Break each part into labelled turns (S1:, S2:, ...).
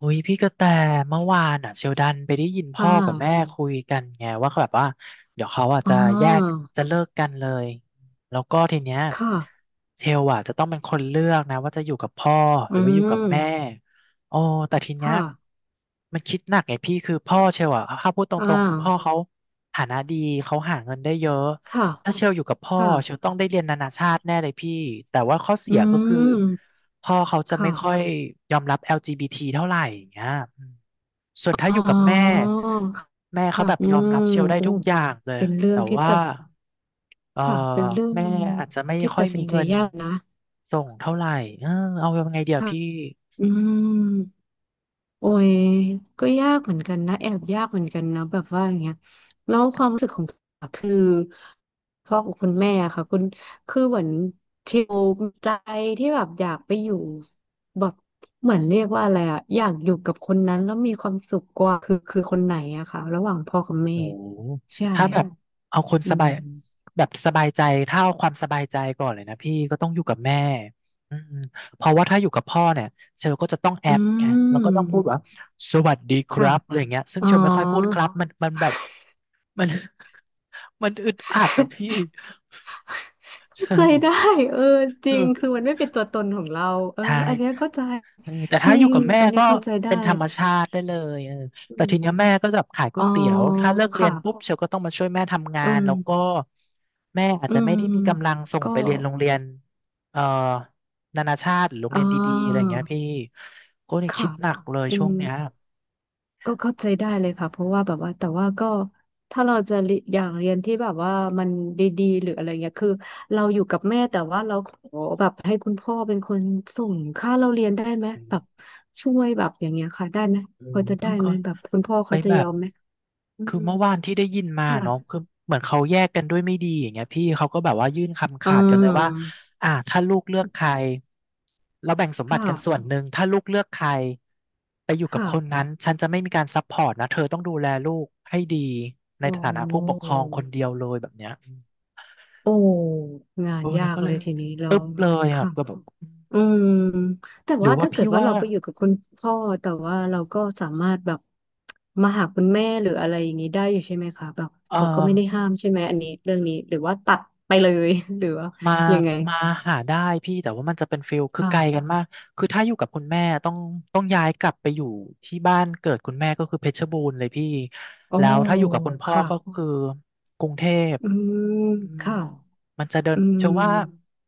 S1: อุ้ยพี่กระแตเมื่อวานอ่ะเชลดันไปได้ยินพ่
S2: ค่ะ
S1: อกับแม่คุยกันไงว่าเขาแบบว่าเดี๋ยวเขาอ่ะ
S2: อ่
S1: จะแยก
S2: า
S1: จะเลิกกันเลยแล้วก็ทีเนี้ย
S2: ค่ะ
S1: เชลอ่ะจะต้องเป็นคนเลือกนะว่าจะอยู่กับพ่อห
S2: อื
S1: รือว่าอยู่
S2: ม
S1: กับแม่โอ้แต่ทีเนี้ย
S2: ค่ะ
S1: มันคิดหนักไงพี่คือพ่อเชลอ่ะถ้าพูดต
S2: อ่า
S1: รงๆคือพ่อเขาฐานะดีเขาหาเงินได้เยอะ
S2: ค่ะ
S1: ถ้าเชลอยู่กับพ่อ
S2: ค่ะ
S1: เชลต้องได้เรียนนานาชาติแน่เลยพี่แต่ว่าข้อ
S2: อื
S1: เสียก็คือ
S2: ม
S1: พ่อเขาจะไม่ค่อย
S2: ค่ะ
S1: ยอมรับ LGBT เท่าไหร่อย่างเงี้ยอืมส่วนถ้า
S2: อ๋
S1: อยู่กับแม่
S2: อ
S1: แม่เขา
S2: ค่ะ
S1: แบบ
S2: อื
S1: ยอมรับ
S2: ม
S1: เชลได้
S2: โอ้
S1: ทุกอย่างเลย
S2: เป็นเรื่อ
S1: แต่
S2: งที่
S1: ว่า
S2: ตัด
S1: เอ่อ
S2: ค่ะเป็นเรื่อง
S1: แม่อาจจะไม่
S2: ที่
S1: ค่อ
S2: ตั
S1: ย
S2: ดสิ
S1: มี
S2: นใจ
S1: เงิน
S2: ยากนะ
S1: ส่งเท่าไหร่เออเอายังไงเดี๋ยวพี่
S2: อืม โอ้ยก็ยากเหมือนกันนะแอบยากเหมือนกันนะแบบว่าอย่างเงี้ยแล้วความรู้สึกของคือพ่อของคุณแม่อะค่ะคุณคือเหมือนเทลใจที่แบบอยากไปอยู่แบบเหมือนเรียกว่าอะไรอะอยากอยู่กับคนนั้นแล้วมีความสุขกว่าคือคนไหนอะค่ะระหว่างพ่อกับแม่
S1: โอ้
S2: ใช่
S1: ถ้าอืแบอืบมเอาคน
S2: อื
S1: สบาย
S2: ม
S1: แบบสบายใจ ถ้าเอาความสบายใจก่อนเลยนะพี่ก็ต้องอยู่กับแม่อืมเพราะว่าถ้าอยู่กับพ่อเนี่ยเชลก็จะต้องแอ
S2: อื
S1: บไงแล้วก็ต้องพูดว่า
S2: ม
S1: สวัสดีค
S2: ค่ะ
S1: รับอะไรอย่างเงี้ยซึ่ง
S2: อ๋อ
S1: เชลไม่ค่อยพูดครับมันมันแบบมัน มันอึดอัดอะ พี่
S2: เข้า
S1: ใช่
S2: ใจได้เออจ
S1: เอ
S2: ริง
S1: อ
S2: คือมันไม่เป็นตัวตนของเราเออ
S1: ใช่
S2: อันเนี้ยเข้าใจ
S1: เออแต่
S2: จ
S1: ถ้า
S2: ริ
S1: อยู่
S2: ง
S1: กับแม่
S2: อันเนี้ย
S1: ก็
S2: เข้าใจได้
S1: เป็นธรรมชาติได้เลยเออแต่
S2: อื
S1: ทีเนี้
S2: ม
S1: ยแม่ก็จะขายก๋
S2: อ๋
S1: ว
S2: อ
S1: ยเตี๋ยวถ้าเลิกเรี
S2: ค่ะ
S1: ยนปุ๊บเชลก็ต้องมาช่วยแม่ทำงา
S2: อื
S1: น
S2: ม
S1: แล้วก็แม่อาจ
S2: อื
S1: จะไม่
S2: ม
S1: ได้มีกำลังส่ง
S2: ก็
S1: ไปเรียนโรงเรียนเอ่อนานาชาติหรือโรง
S2: อ่
S1: เรียนดีๆอะไรอย่า
S2: า
S1: งเงี้ยพี่ก็เนี่ยคิ
S2: ค่ะ
S1: ดหนักเลย
S2: อื
S1: ช่ว
S2: ม
S1: งเนี้ย
S2: ก็เข้าใจได้เลยค่ะเพราะว่าแบบว่าแต่ว่าก็ถ้าเราจะเรียอยากเรียนที่แบบว่ามันดีๆหรืออะไรเงี้ยคือเราอยู่กับแม่แต่ว่าเราขอแบบให้คุณพ่อเป็นคนส่งค่าเราเรียนได้ไหม
S1: อืม
S2: แบบช่วยแบบอย่างเงี้ยค่ะได้ไหม
S1: โอ้
S2: พอ
S1: ย
S2: จะได้
S1: เพิ่งเค
S2: ไหม
S1: ย
S2: แบบคุณพ่อ
S1: ไป
S2: เขาจะ
S1: แบ
S2: ย
S1: บ
S2: อมไหมอื
S1: คือ
S2: ม
S1: เมื่อวานที่ได้ยินมา
S2: ค่ะ
S1: เนาะคือเหมือนเขาแยกกันด้วยไม่ดีอย่างเงี้ยพี่เขาก็แบบว่ายื่นคำ
S2: อ่
S1: ขาดกันเลยว่า
S2: า
S1: ถ้าลูกเลือกใครเราแบ่งสมบั
S2: ค่ะ
S1: ติกันส่วนหนึ่งถ้าลูกเลือกใครไปอยู่กับ
S2: ค่ะ
S1: คนนั้นฉันจะไม่มีการซัพพอร์ตนะเธอต้องดูแลลูกให้ดีใน
S2: อ๋อ
S1: ฐานะผู้ปกครองคนเดียวเลยแบบเนี้ยอืม
S2: โอ้งา
S1: เอ
S2: น
S1: อ
S2: ยา
S1: เนี่ย
S2: ก
S1: ก็เล
S2: เล
S1: ย
S2: ยทีนี้เรา
S1: ปึ๊บเลยอ่ะ
S2: ค่ะ
S1: ก็แบบ
S2: อืมแต่
S1: หรื
S2: ว่า
S1: อว่า
S2: ถ้าเกิ
S1: พี่
S2: ดว่า
S1: ว่า
S2: เราไปอยู่กับคุณพ่อแต่ว่าเราก็สามารถแบบมาหาคุณแม่หรืออะไรอย่างนี้ได้อยู่ใช่ไหมคะแบบ
S1: เอ
S2: เขาก็
S1: อ
S2: ไม่ได้ห้ามใช่ไหมอันนี้เรื่องนี้หรือว่าตัดไปเลย หรือว่า
S1: มา
S2: ยังไง
S1: มาหาได้พี่แต่ว่ามันจะเป็นฟิลคือไกลกัน
S2: ค่ะ
S1: มากคือถ้าอยู่กับคุณแม่ต้องย้ายกลับไปอยู่ที่บ้านเกิดคุณแม่ก็คือเพชรบูรณ์เลยพี่
S2: อ๋อ
S1: แล้วถ้าอยู่กับคุณพ่อ
S2: ค่ะ
S1: ก็คือกรุงเทพ
S2: อืม
S1: อืม
S2: ค่ะ
S1: มันจะเดิน
S2: อื
S1: เชื่
S2: ม
S1: อว่า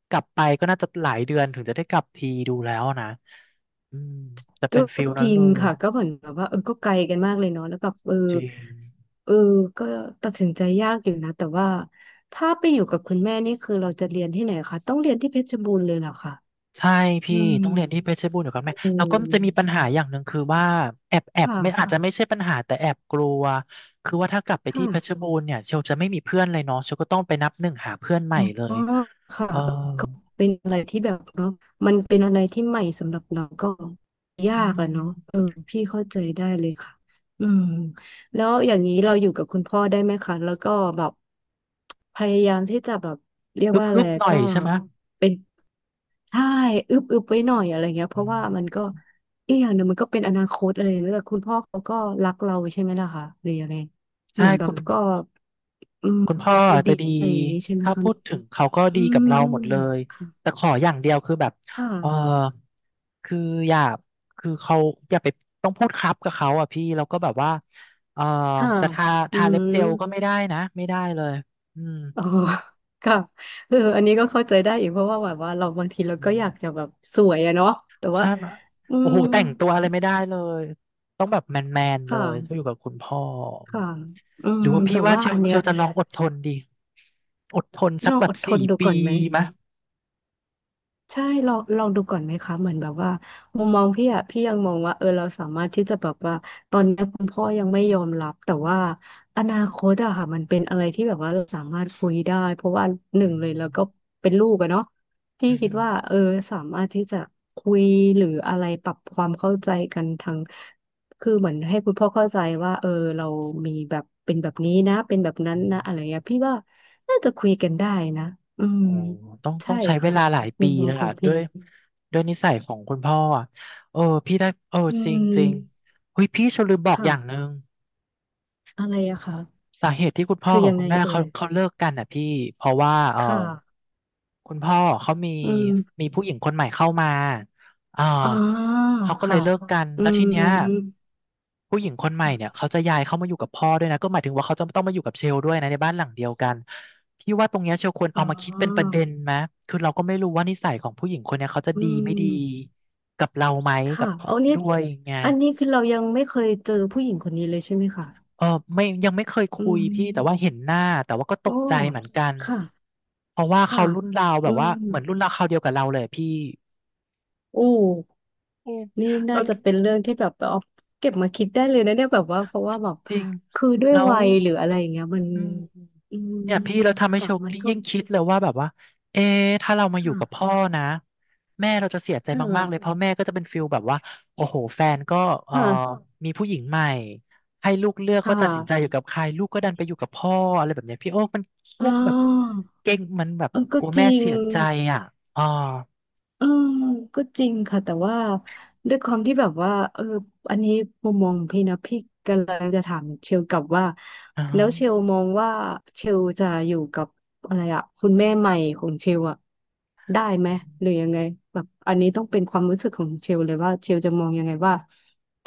S1: กลับไปก็น่าจะหลายเดือนถึงจะได้กลับทีดูแล้วนะอืมจะ
S2: ก็
S1: เป็นฟิล
S2: จ
S1: นั้น
S2: ริ
S1: เล
S2: ง
S1: ย
S2: ค่ะก็เหมือนแบบว่าเออก็ไกลกันมากเลยเนาะแล้วแบบเออ
S1: จริง
S2: เออก็ตัดสินใจยากอยู่นะแต่ว่าถ้าไปอยู่กับคุณแม่นี่คือเราจะเรียนที่ไหนคะต้องเรียนที่เพชรบูรณ์เลยเหรอคะ
S1: ใช่
S2: อื
S1: พี่
S2: ม
S1: ต้องเรียนที่เพชรบูรณ์อยู่กับแม่
S2: อื
S1: แล้วก็จะมีปัญ
S2: ม
S1: หาอย่างหนึ่งคือว่าแอบ
S2: ค่ะ
S1: ไม่อาจจะไม่ใช่ปัญหาแต่แอบกลัวคือว่าถ้ากลับไป
S2: ค่ะ
S1: ที่เพชรบูรณ์เนี่ยเชลจะไม่มีเพื่อนเลยเนาะเชลก็ต้องไปนับหนึ่งหาเพื่อนให
S2: อ
S1: ม่เล
S2: ๋อ
S1: ย
S2: ค่ะ
S1: เออ
S2: เออก็เป็นอะไรที่แบบเนาะมันเป็นอะไรที่ใหม่สำหรับเราก็ยา
S1: อื
S2: กอะเนาะ
S1: ม
S2: เออพี่เข้าใจได้เลยค่ะอืมแล้วอย่างนี้เราอยู่กับคุณพ่อได้ไหมคะแล้วก็แบบพยายามที่จะแบบเรียก
S1: ฮึบ
S2: ว่าอะ
S1: ฮึ
S2: ไร
S1: บหน่อย
S2: ก็
S1: ใช่ไหม
S2: เป็นใช่อึบอึบไว้หน่อยอะไรเงี้ย
S1: อื
S2: เพราะว่ามัน
S1: ม
S2: ก็อีกอย่างหนึ่งมันก็เป็นอนาคตอะไรแล้วแต่คุณพ่อเขาก็รักเราใช่ไหมล่ะคะหรือยังไง
S1: ใช่
S2: เหมือนแบ
S1: คุ
S2: บ
S1: ณ
S2: ก็อืม
S1: คุณพ่อ
S2: โอ
S1: อาจ
S2: ดี
S1: จะดี
S2: อะไรอย่างงี้ใช่ไหม
S1: ถ้า
S2: คะ
S1: พูดถึงเขาก็
S2: อื
S1: ดีกับ
S2: ม
S1: เราหมดเลย
S2: ค่ะ
S1: แต่ขออย่างเดียวคือแบบ
S2: ค่ะ
S1: เออคืออย่าคือเขาอย่าไปต้องพูดครับกับเขาอ่ะพี่แล้วก็แบบว่าเออ
S2: ค่ะ
S1: จะทา
S2: อื
S1: ทาเล็บ
S2: ม
S1: เจลก็ไม่ได้นะไม่ได้เลยอืม
S2: อ๋อค่ะเอออันนี้ก็เข้าใจได้อีกเพราะว่าแบบว่าเราบางทีเราก็
S1: อืม
S2: อยากจะแบบสวยอะเนาะแต่ว่า
S1: ใช่ไหม
S2: อื
S1: โอ้
S2: ม
S1: โหแต่งตัวอะไรไม่ได้เลยต้องแบบแมนแมน
S2: ค
S1: เลยถ้าอ
S2: ่ะ
S1: ยู่กับคุณพ่อ
S2: ค่ะอื
S1: ห
S2: ม
S1: รือว่าพี่
S2: แต่
S1: ว่า
S2: ว่า
S1: เช
S2: อั
S1: ล
S2: น
S1: เช
S2: เนี้ย
S1: ลจะลองอดทนดีอดทนสั
S2: ล
S1: ก
S2: อง
S1: แบ
S2: อ
S1: บ
S2: ดท
S1: สี่
S2: นดู
S1: ปี
S2: ก่อนไหม
S1: มะ
S2: ใช่ลองดูก่อนไหมคะเหมือนแบบว่ามุมมองพี่อะพี่ยังมองว่าเออเราสามารถที่จะแบบว่าตอนนี้คุณพ่อยังไม่ยอมรับแต่ว่าอนาคตอะค่ะมันเป็นอะไรที่แบบว่าเราสามารถคุยได้เพราะว่าหนึ่
S1: อื
S2: งเลย
S1: ม
S2: แล้วก็เป็นลูกอะเนาะพี่
S1: อื
S2: คิดว่าเออ
S1: ม
S2: สามารถที่จะคุยหรืออะไรปรับความเข้าใจกันทางคือเหมือนให้คุณพ่อเข้าใจว่าเออเรามีแบบเป็นแบบนี้นะเป็นแบบนั้นนะอะไรเงี้ยพี่ว่าน่าจะคุยกันได้นะอืม
S1: โอ้ต้องต้อ
S2: ใช่
S1: งใช้เว
S2: ค่ะ
S1: ลาหลาย
S2: มุ
S1: ปี
S2: มมอ
S1: เล
S2: ง
S1: ย
S2: ขอ
S1: ล่ะ
S2: ง
S1: ด้
S2: พี่
S1: วยด้วยนิสัยของคุณพ่ออ่ะเออพี่ได้เออ
S2: อื
S1: จริงจริง
S2: ม
S1: เฮ้ยพี่ฉันลืมบอกอ
S2: ค่ะ
S1: ย่างหนึ่ง
S2: อะไรอะคะ
S1: สาเหตุที่คุณพ่อ
S2: คือ
S1: กับ
S2: ยัง
S1: คุ
S2: ไง
S1: ณแม่
S2: เอ่
S1: เขา
S2: ย
S1: เขาเลิกกันอ่ะพี่เพราะว่าเออ
S2: ค่ะ
S1: คุณพ่อเขามี
S2: อืม
S1: มีผู้หญิงคนใหม่เข้ามาเออ
S2: อ๋อ
S1: เขาก็เล
S2: ค่ะ
S1: ยเลิกกัน
S2: อื
S1: แล้วทีเนี้
S2: ม
S1: ยผู้หญิงคนใหม่เนี่ย
S2: ค่ะ
S1: เขาจะย้ายเข้ามาอยู่กับพ่อด้วยนะก็หมายถึงว่าเขาจะต้องมาอยู่กับเชลด้วยนะในบ้านหลังเดียวกันพี่ว่าตรงเนี้ยเชลควร
S2: อ๋
S1: เอามาคิดเป็นประ
S2: อ
S1: เด็นไหมคือเราก็ไม่รู้ว่านิสัยของผู้หญิงคนเนี้ยเขาจะ
S2: อื
S1: ดีไม่ดี
S2: ม
S1: กับเราไหมกั
S2: ค่ะ
S1: บ
S2: เอานี่
S1: ด้วยไง
S2: อันนี้คือเรายังไม่เคยเจอผู้หญิงคนนี้เลยใช่ไหมคะ
S1: เออไม่ยังไม่เคย
S2: อื
S1: คุย
S2: ม
S1: พี่แต่ว่าเห็นหน้าแต่ว่าก็ต
S2: โอ้
S1: กใจเหมือนกัน
S2: ค่ะ
S1: เพราะว่า
S2: ค่ะ
S1: เขารุ่นราวแบ
S2: อื
S1: บว่า
S2: ม
S1: เหมือนรุ่นราวคราวเดียวกับเราเลยอะพี่
S2: โอ้
S1: อืม
S2: นี่
S1: แล้
S2: น่า
S1: ว
S2: จะเป็นเรื่องที่แบบเอาเก็บมาคิดได้เลยนะเนี่ยแบบว่าเพราะว่าแบบ
S1: จริง
S2: คือด้วย
S1: แล้ว
S2: วัยหรืออะไรอย่างเงี้ยมัน
S1: อืม
S2: อืม
S1: เนี่ยพี่เราทำให้
S2: ค่ะ
S1: โชค
S2: มันก็
S1: ยิ่งคิดเลยว่าแบบว่าเอ๊ะถ้าเรามาอยู่กับ
S2: ค่ะ
S1: พ่อนะแม่เราจะเสียใจ
S2: ค่
S1: มา
S2: ะ
S1: กๆเลยเพราะแม่ก็จะเป็นฟิลแบบว่าโอ้โหแฟนก็เอ่อ
S2: ค่ะ
S1: มีผู้หญิงใหม่ให้ลูกเลือก
S2: ค่ะ
S1: ว่าตัดสินใจอยู่กับใครลูกก็ดันไปอยู่กับพ่ออะไรแบบเนี้ยพี่โอ้มันเครี
S2: อ่
S1: ยดแบบ
S2: า
S1: เก่งมันแบบ
S2: เออ
S1: ก
S2: ก็
S1: ลัว
S2: จ
S1: แม่
S2: ริง
S1: เสียใจอ่ะอ๋อ
S2: อืมก็จริงค่ะแต่ว่าด้วยความที่แบบว่าเอออันนี้มุมมองพี่นะพี่กำลังจะถามเชลกลับว่า
S1: อ่า
S2: แล้
S1: ฮะ
S2: วเชลมองว่าเชลจะอยู่กับอะไรอะคุณแม่ใหม่ของเชลอะได้ไหม
S1: อื
S2: หรือ
S1: ม
S2: ยังไงแบบอันนี้ต้องเป็นความรู้สึกของเชลเลยว่าเชลจะมองยังไงว่า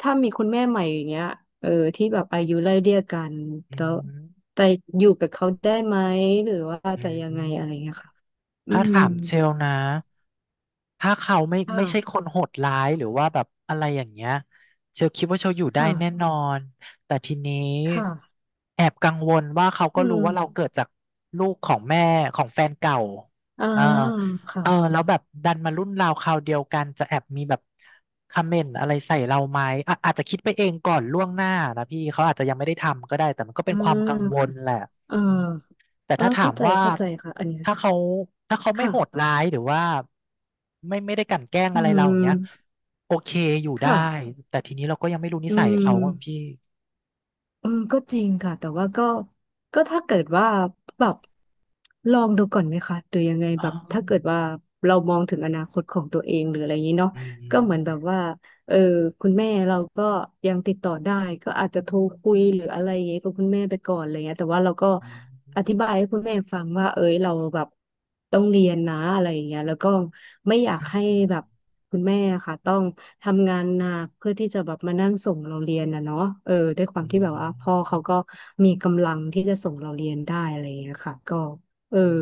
S2: ถ้ามีคุณแม่ใหม่อย่างเงี้ยเออที่แบบอายุไล่เลี่ยกันแล้วจะอยู่กับเขาได้ไหมหรือว่า
S1: อื
S2: จะ
S1: ม
S2: ยั
S1: อื
S2: งไง
S1: ม
S2: อะไรเงี้ยค่ะอื
S1: ถ้า
S2: ม
S1: ถามเชลนะ ถ้าเขาไม่
S2: ค่ะ
S1: ไม่ใช่คนโหดร้ายหรือว่าแบบอะไรอย่างเงี้ยเชลคิดว่าเชลอยู่ได้
S2: ค่ะ
S1: แน่นอนแต่ทีนี้
S2: ค่ะ
S1: แอบกังวลว่าเขาก็
S2: อื
S1: รู้ว่าเรา
S2: ม
S1: เกิดจากลูกของแม่ของแฟนเก่า
S2: อ่า
S1: อ่า
S2: ค่ะ
S1: เออแล้วแบบดันมารุ่นราวคราวเดียวกันจะแอบมีแบบคอมเมนต์อะไรใส่เราไหมอ่ะอาจจะคิดไปเองก่อนล่วงหน้านะพี่เขาอาจจะยังไม่ได้ทำก็ได้แต่มันก็เป็
S2: อ่า
S1: นความกังวล
S2: ค่ะ
S1: แหละ
S2: เออ
S1: แต่
S2: เออ
S1: ถ้าถา
S2: เข้า
S1: ม
S2: ใจ
S1: ว่า
S2: เข้าใจ ค่ะ อันเนี้ย
S1: ถ้าเขาถ้าเขาไม่โหด
S2: ค่ะ
S1: ร้ายหรือว่าไม่ได้กลั่นแกล้ง
S2: อื
S1: อะไรเราอย่างเงี้ย
S2: ม
S1: โอเคอยู่ได้
S2: ค่ะ
S1: แต่ทีนี้เราก็ยังไม่รู้นิ
S2: อื
S1: สัย
S2: ม
S1: เขาอะพี่
S2: เออก็จริงค่ะ แต่ว่าก็ก็ถ้าเกิดว่าแบบลองดูก่อนไหมคะหรือยังไง
S1: อ๋อ
S2: แบบถ้าเกิดว่า เรามองถึงอนาคตของตัวเองหรืออะไรอย่างนี้เนาะ
S1: อื
S2: ก็เหมือนแบ
S1: ม
S2: บว่า เออคุณแม่เราก็ยังติดต่อได้ก็อาจจะโทรคุยหรืออะไรอย่างเงี้ยกับคุณแม่ไปก่อนอะไรเงี้ยแต่ว่าเราก็
S1: อื
S2: อธิบา
S1: ม
S2: ยให้คุณแม่ฟังว่าเอ้ยเราแบบต้องเรียนนะอะไรอย่างเงี้ยแล้วก็ไม่อยากให้
S1: อืม
S2: แบบคุณแม่ค่ะต้องทำงานหนักเพื่อที่จะแบบมานั่งส่งเราเรียนนะเนาะด้วยความ
S1: อื
S2: ที่แบบว่าพ่อ
S1: ม
S2: เขาก็มีกำลังที่จะส่งเราเรียนได้อะไรอย่างเงี้ยค่ะก็เออ
S1: อืม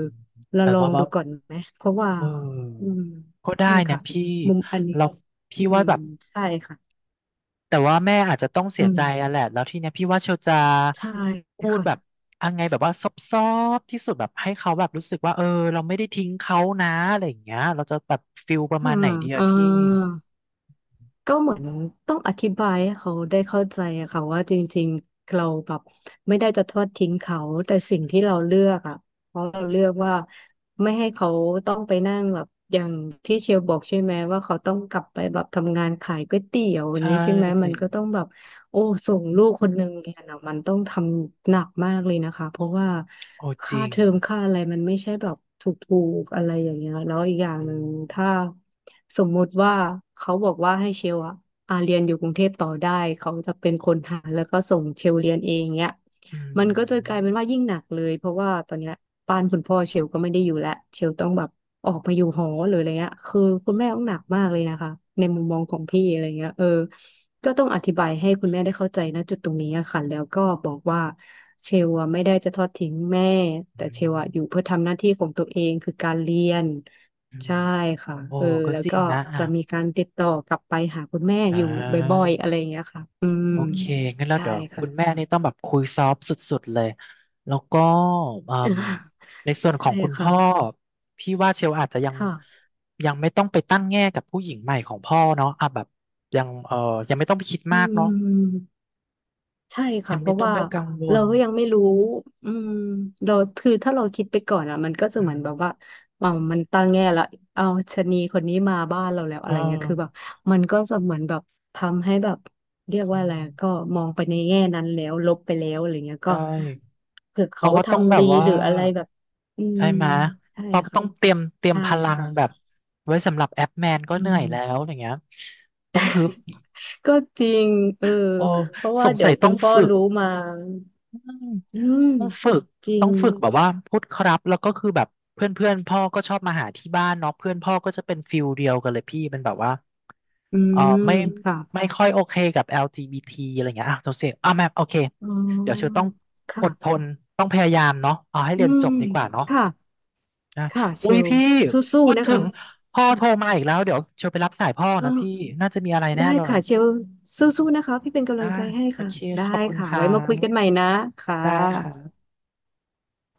S2: เรา
S1: แต่
S2: ลอ
S1: ว่า
S2: ง
S1: แบ
S2: ดู
S1: บ
S2: ก่อนไหมเพราะว่า
S1: เ
S2: อื
S1: ออ
S2: ม
S1: ก็
S2: ใช่
S1: ได้นะ
S2: ค่ะ
S1: พี่
S2: มุมอันนี้
S1: เราพี่
S2: อื
S1: ว่า
S2: ม
S1: แบบ
S2: ใช่ค่ะ
S1: แต่ว่าแม่อาจจะต้องเสี
S2: อื
S1: ย
S2: ม
S1: ใจอะแหละแล้วทีเนี้ยพี่ว่าเชลจะ
S2: ใช่
S1: พูดแบบยังไงแบบว่าซอบๆที่สุดแบบให้เขาแบบรู้สึกว่าเออเราไม่ได้ทิ้งเขานะอะไรอย่างเงี้ยเราจะแบบฟิลประมา
S2: ค่ะ
S1: ณไหนดี
S2: เอ่
S1: อะพี่
S2: าก็เหมือนต้องอธิบายให้เขาได้เข้าใจอะค่ะว่าจริงๆเราแบบไม่ได้จะทอดทิ้งเขาแต่สิ่งที่เราเลือกอะเพราะเราเลือกว่าไม่ให้เขาต้องไปนั่งแบบอย่างที่เชียวบอกใช่ไหมว่าเขาต้องกลับไปแบบทำงานขายก๋วยเตี๋ยวอ
S1: ใช
S2: ย่างนี้ใช่ไหมมัน
S1: ่
S2: ก็ต้องแบบ โอ้ส่งลูกคนหนึ่งเรียนอ่ะมันต้องทำหนักมากเลยนะคะเพราะว่า
S1: โอ้จ
S2: ค่า
S1: ริง
S2: เทอมค่าอะไรมันไม่ใช่แบบถูกๆอะไรอย่างเงี้ยแล้วอีกอย่าง
S1: อื
S2: หนึ่ง
S1: ม
S2: ถ้าสมมุติว่าเขาบอกว่าให้เชลอะอาเรียนอยู่กรุงเทพต่อได้เขาจะเป็นคนหาแล้วก็ส่งเชลเรียนเองเนี้ย
S1: อื
S2: มันก็จะกลายเป็น
S1: ม
S2: ว่ายิ่งหนักเลยเพราะว่าตอนเนี้ยบ้านคุณพ่อเชลก็ไม่ได้อยู่แล้วเชลต้องแบบออกมาอยู่หอหรืออะไรเงี้ยคือคุณแม่ต้องหนักมากเลยนะคะในมุมมองของพี่อะไรเงี้ยก็ต้องอธิบายให้คุณแม่ได้เข้าใจนะจุดตรงนี้อะค่ะแล้วก็บอกว่าเชลอะไม่ได้จะทอดทิ้งแม่แต่
S1: อื
S2: เชล
S1: ม
S2: อะอยู่เพื่อทำหน้าที่ของตัวเองคือการเรียน
S1: อืม
S2: ใช่ค่ะ
S1: โอ้ก็
S2: แล้ว
S1: จริ
S2: ก็
S1: งนะอ่ะ
S2: จะมีการติดต่อกลับไปหาคุณแม่
S1: อ่
S2: อยู่บ่อยๆอะไร
S1: า
S2: อย่างเงี้ยค่ะอืม
S1: โอเคงั้นแล้ว
S2: ใช่
S1: เดี๋ยวคุ
S2: ค่ะ
S1: ณแม่นี่ต้องแบบคุยซอฟต์สุดๆเลย แล้วก็อืม ในส่วนขอ
S2: ใช่
S1: งคุณ
S2: ค่ะ
S1: พ่อพี่ว่าเชลอาจจะยัง
S2: ค่ะ
S1: ยังไม่ต้องไปตั้งแง่กับผู้หญิงใหม่ของพ่อเนาะอ่ะแบบยังยังไม่ต้องไปคิด
S2: อื
S1: มากเนาะ
S2: ม ใช่
S1: ยั
S2: ค่ะ
S1: ง
S2: เพ
S1: ไม่
S2: ราะ
S1: ต้อง
S2: ว่า
S1: ไปกังว
S2: เรา
S1: ล
S2: ก็ยังไม่รู้อืมเราคือถ้าเราคิดไปก่อนอ่ะมันก็จะ
S1: อื
S2: เหมือนแบบ
S1: ม
S2: ว่ามันตั้งแง่ละเอาชะนีคนนี้มาบ้านเราแล้วอะ
S1: เออ
S2: ไรเงี้ยคือแบบมันก็จะเหมือนแบบทำให้แบบเรียก
S1: อื
S2: ว่าอะไรก็
S1: ม
S2: มองไปในแง่นั้นแล้วลบไปแล้วอะไรเงี้ย
S1: ใช
S2: ก็
S1: ่
S2: เผื่อ
S1: เพ
S2: เขา
S1: ราะว่าต้องแบ
S2: ทำดี
S1: บว่า
S2: หรืออะไรแบบอืม
S1: ใช่ไหม
S2: ใช่
S1: เพราะ
S2: ค่ะ
S1: ต้องเตรียม
S2: ใช่
S1: พลัง
S2: ค่ะ
S1: แบบไว้สำหรับแอปแมนก็
S2: อื
S1: เหนื่อย
S2: ม
S1: แล้วอย่างเงี้ยต้องฮึบ
S2: ก็จริงเออ
S1: โอ้
S2: เพราะ
S1: ส
S2: ว่า
S1: ง
S2: เดี๋ย
S1: สั
S2: ว
S1: ย
S2: คุ
S1: ต้อ
S2: ณ
S1: ง
S2: พ่อ
S1: ฝึก
S2: รู้มา
S1: อืม
S2: อืม
S1: ต้องฝึก
S2: จริ
S1: ต้อ
S2: ง
S1: งฝึกแบบว่าพูดครับแล้วก็คือแบบเพื่อนเพื่อนพ่อก็ชอบมาหาที่บ้านเนาะเพื่อนพ่อก็จะเป็นฟิลเดียวกันเลยพี่เป็นแบบว่า
S2: อื
S1: เออ
S2: ม
S1: ไม่
S2: ค่ะ
S1: ไม่ค่อยโอเคกับ LGBT อลจีบีทีอะไรเงี้ยอ่ะโจเซฟอ่ะแมมโอเค
S2: อ๋
S1: เดี๋ยวเชล
S2: อ
S1: ต้องอดท
S2: ค่ะ
S1: นต้องพยายามเนาะเอาให้
S2: อื
S1: เรียน
S2: ม
S1: จบดีกว่าเนาะ
S2: ค่ะ
S1: นะ
S2: ค่ะเช
S1: อุ้ย
S2: ล
S1: พี่
S2: สู้
S1: พูด
S2: ๆนะ
S1: ถึ
S2: คะ
S1: งพ่อโทรมาอีกแล้วเดี๋ยวเชลไปรับสายพ่อ
S2: อ๋
S1: นะพี่
S2: อ
S1: น่าจะมีอะไรแน่
S2: ได้
S1: เลย
S2: ค่ะเชลสู้ๆนะคะ พี่เป็นกำลั
S1: ได้
S2: งใจให้
S1: โอ
S2: ค่ะ
S1: เค
S2: ได้
S1: ขอบคุณ
S2: ค่ะ
S1: ครั
S2: ไว้มา
S1: บ
S2: คุยกันใหม่นะค่
S1: ได้
S2: ะ
S1: ค่ะ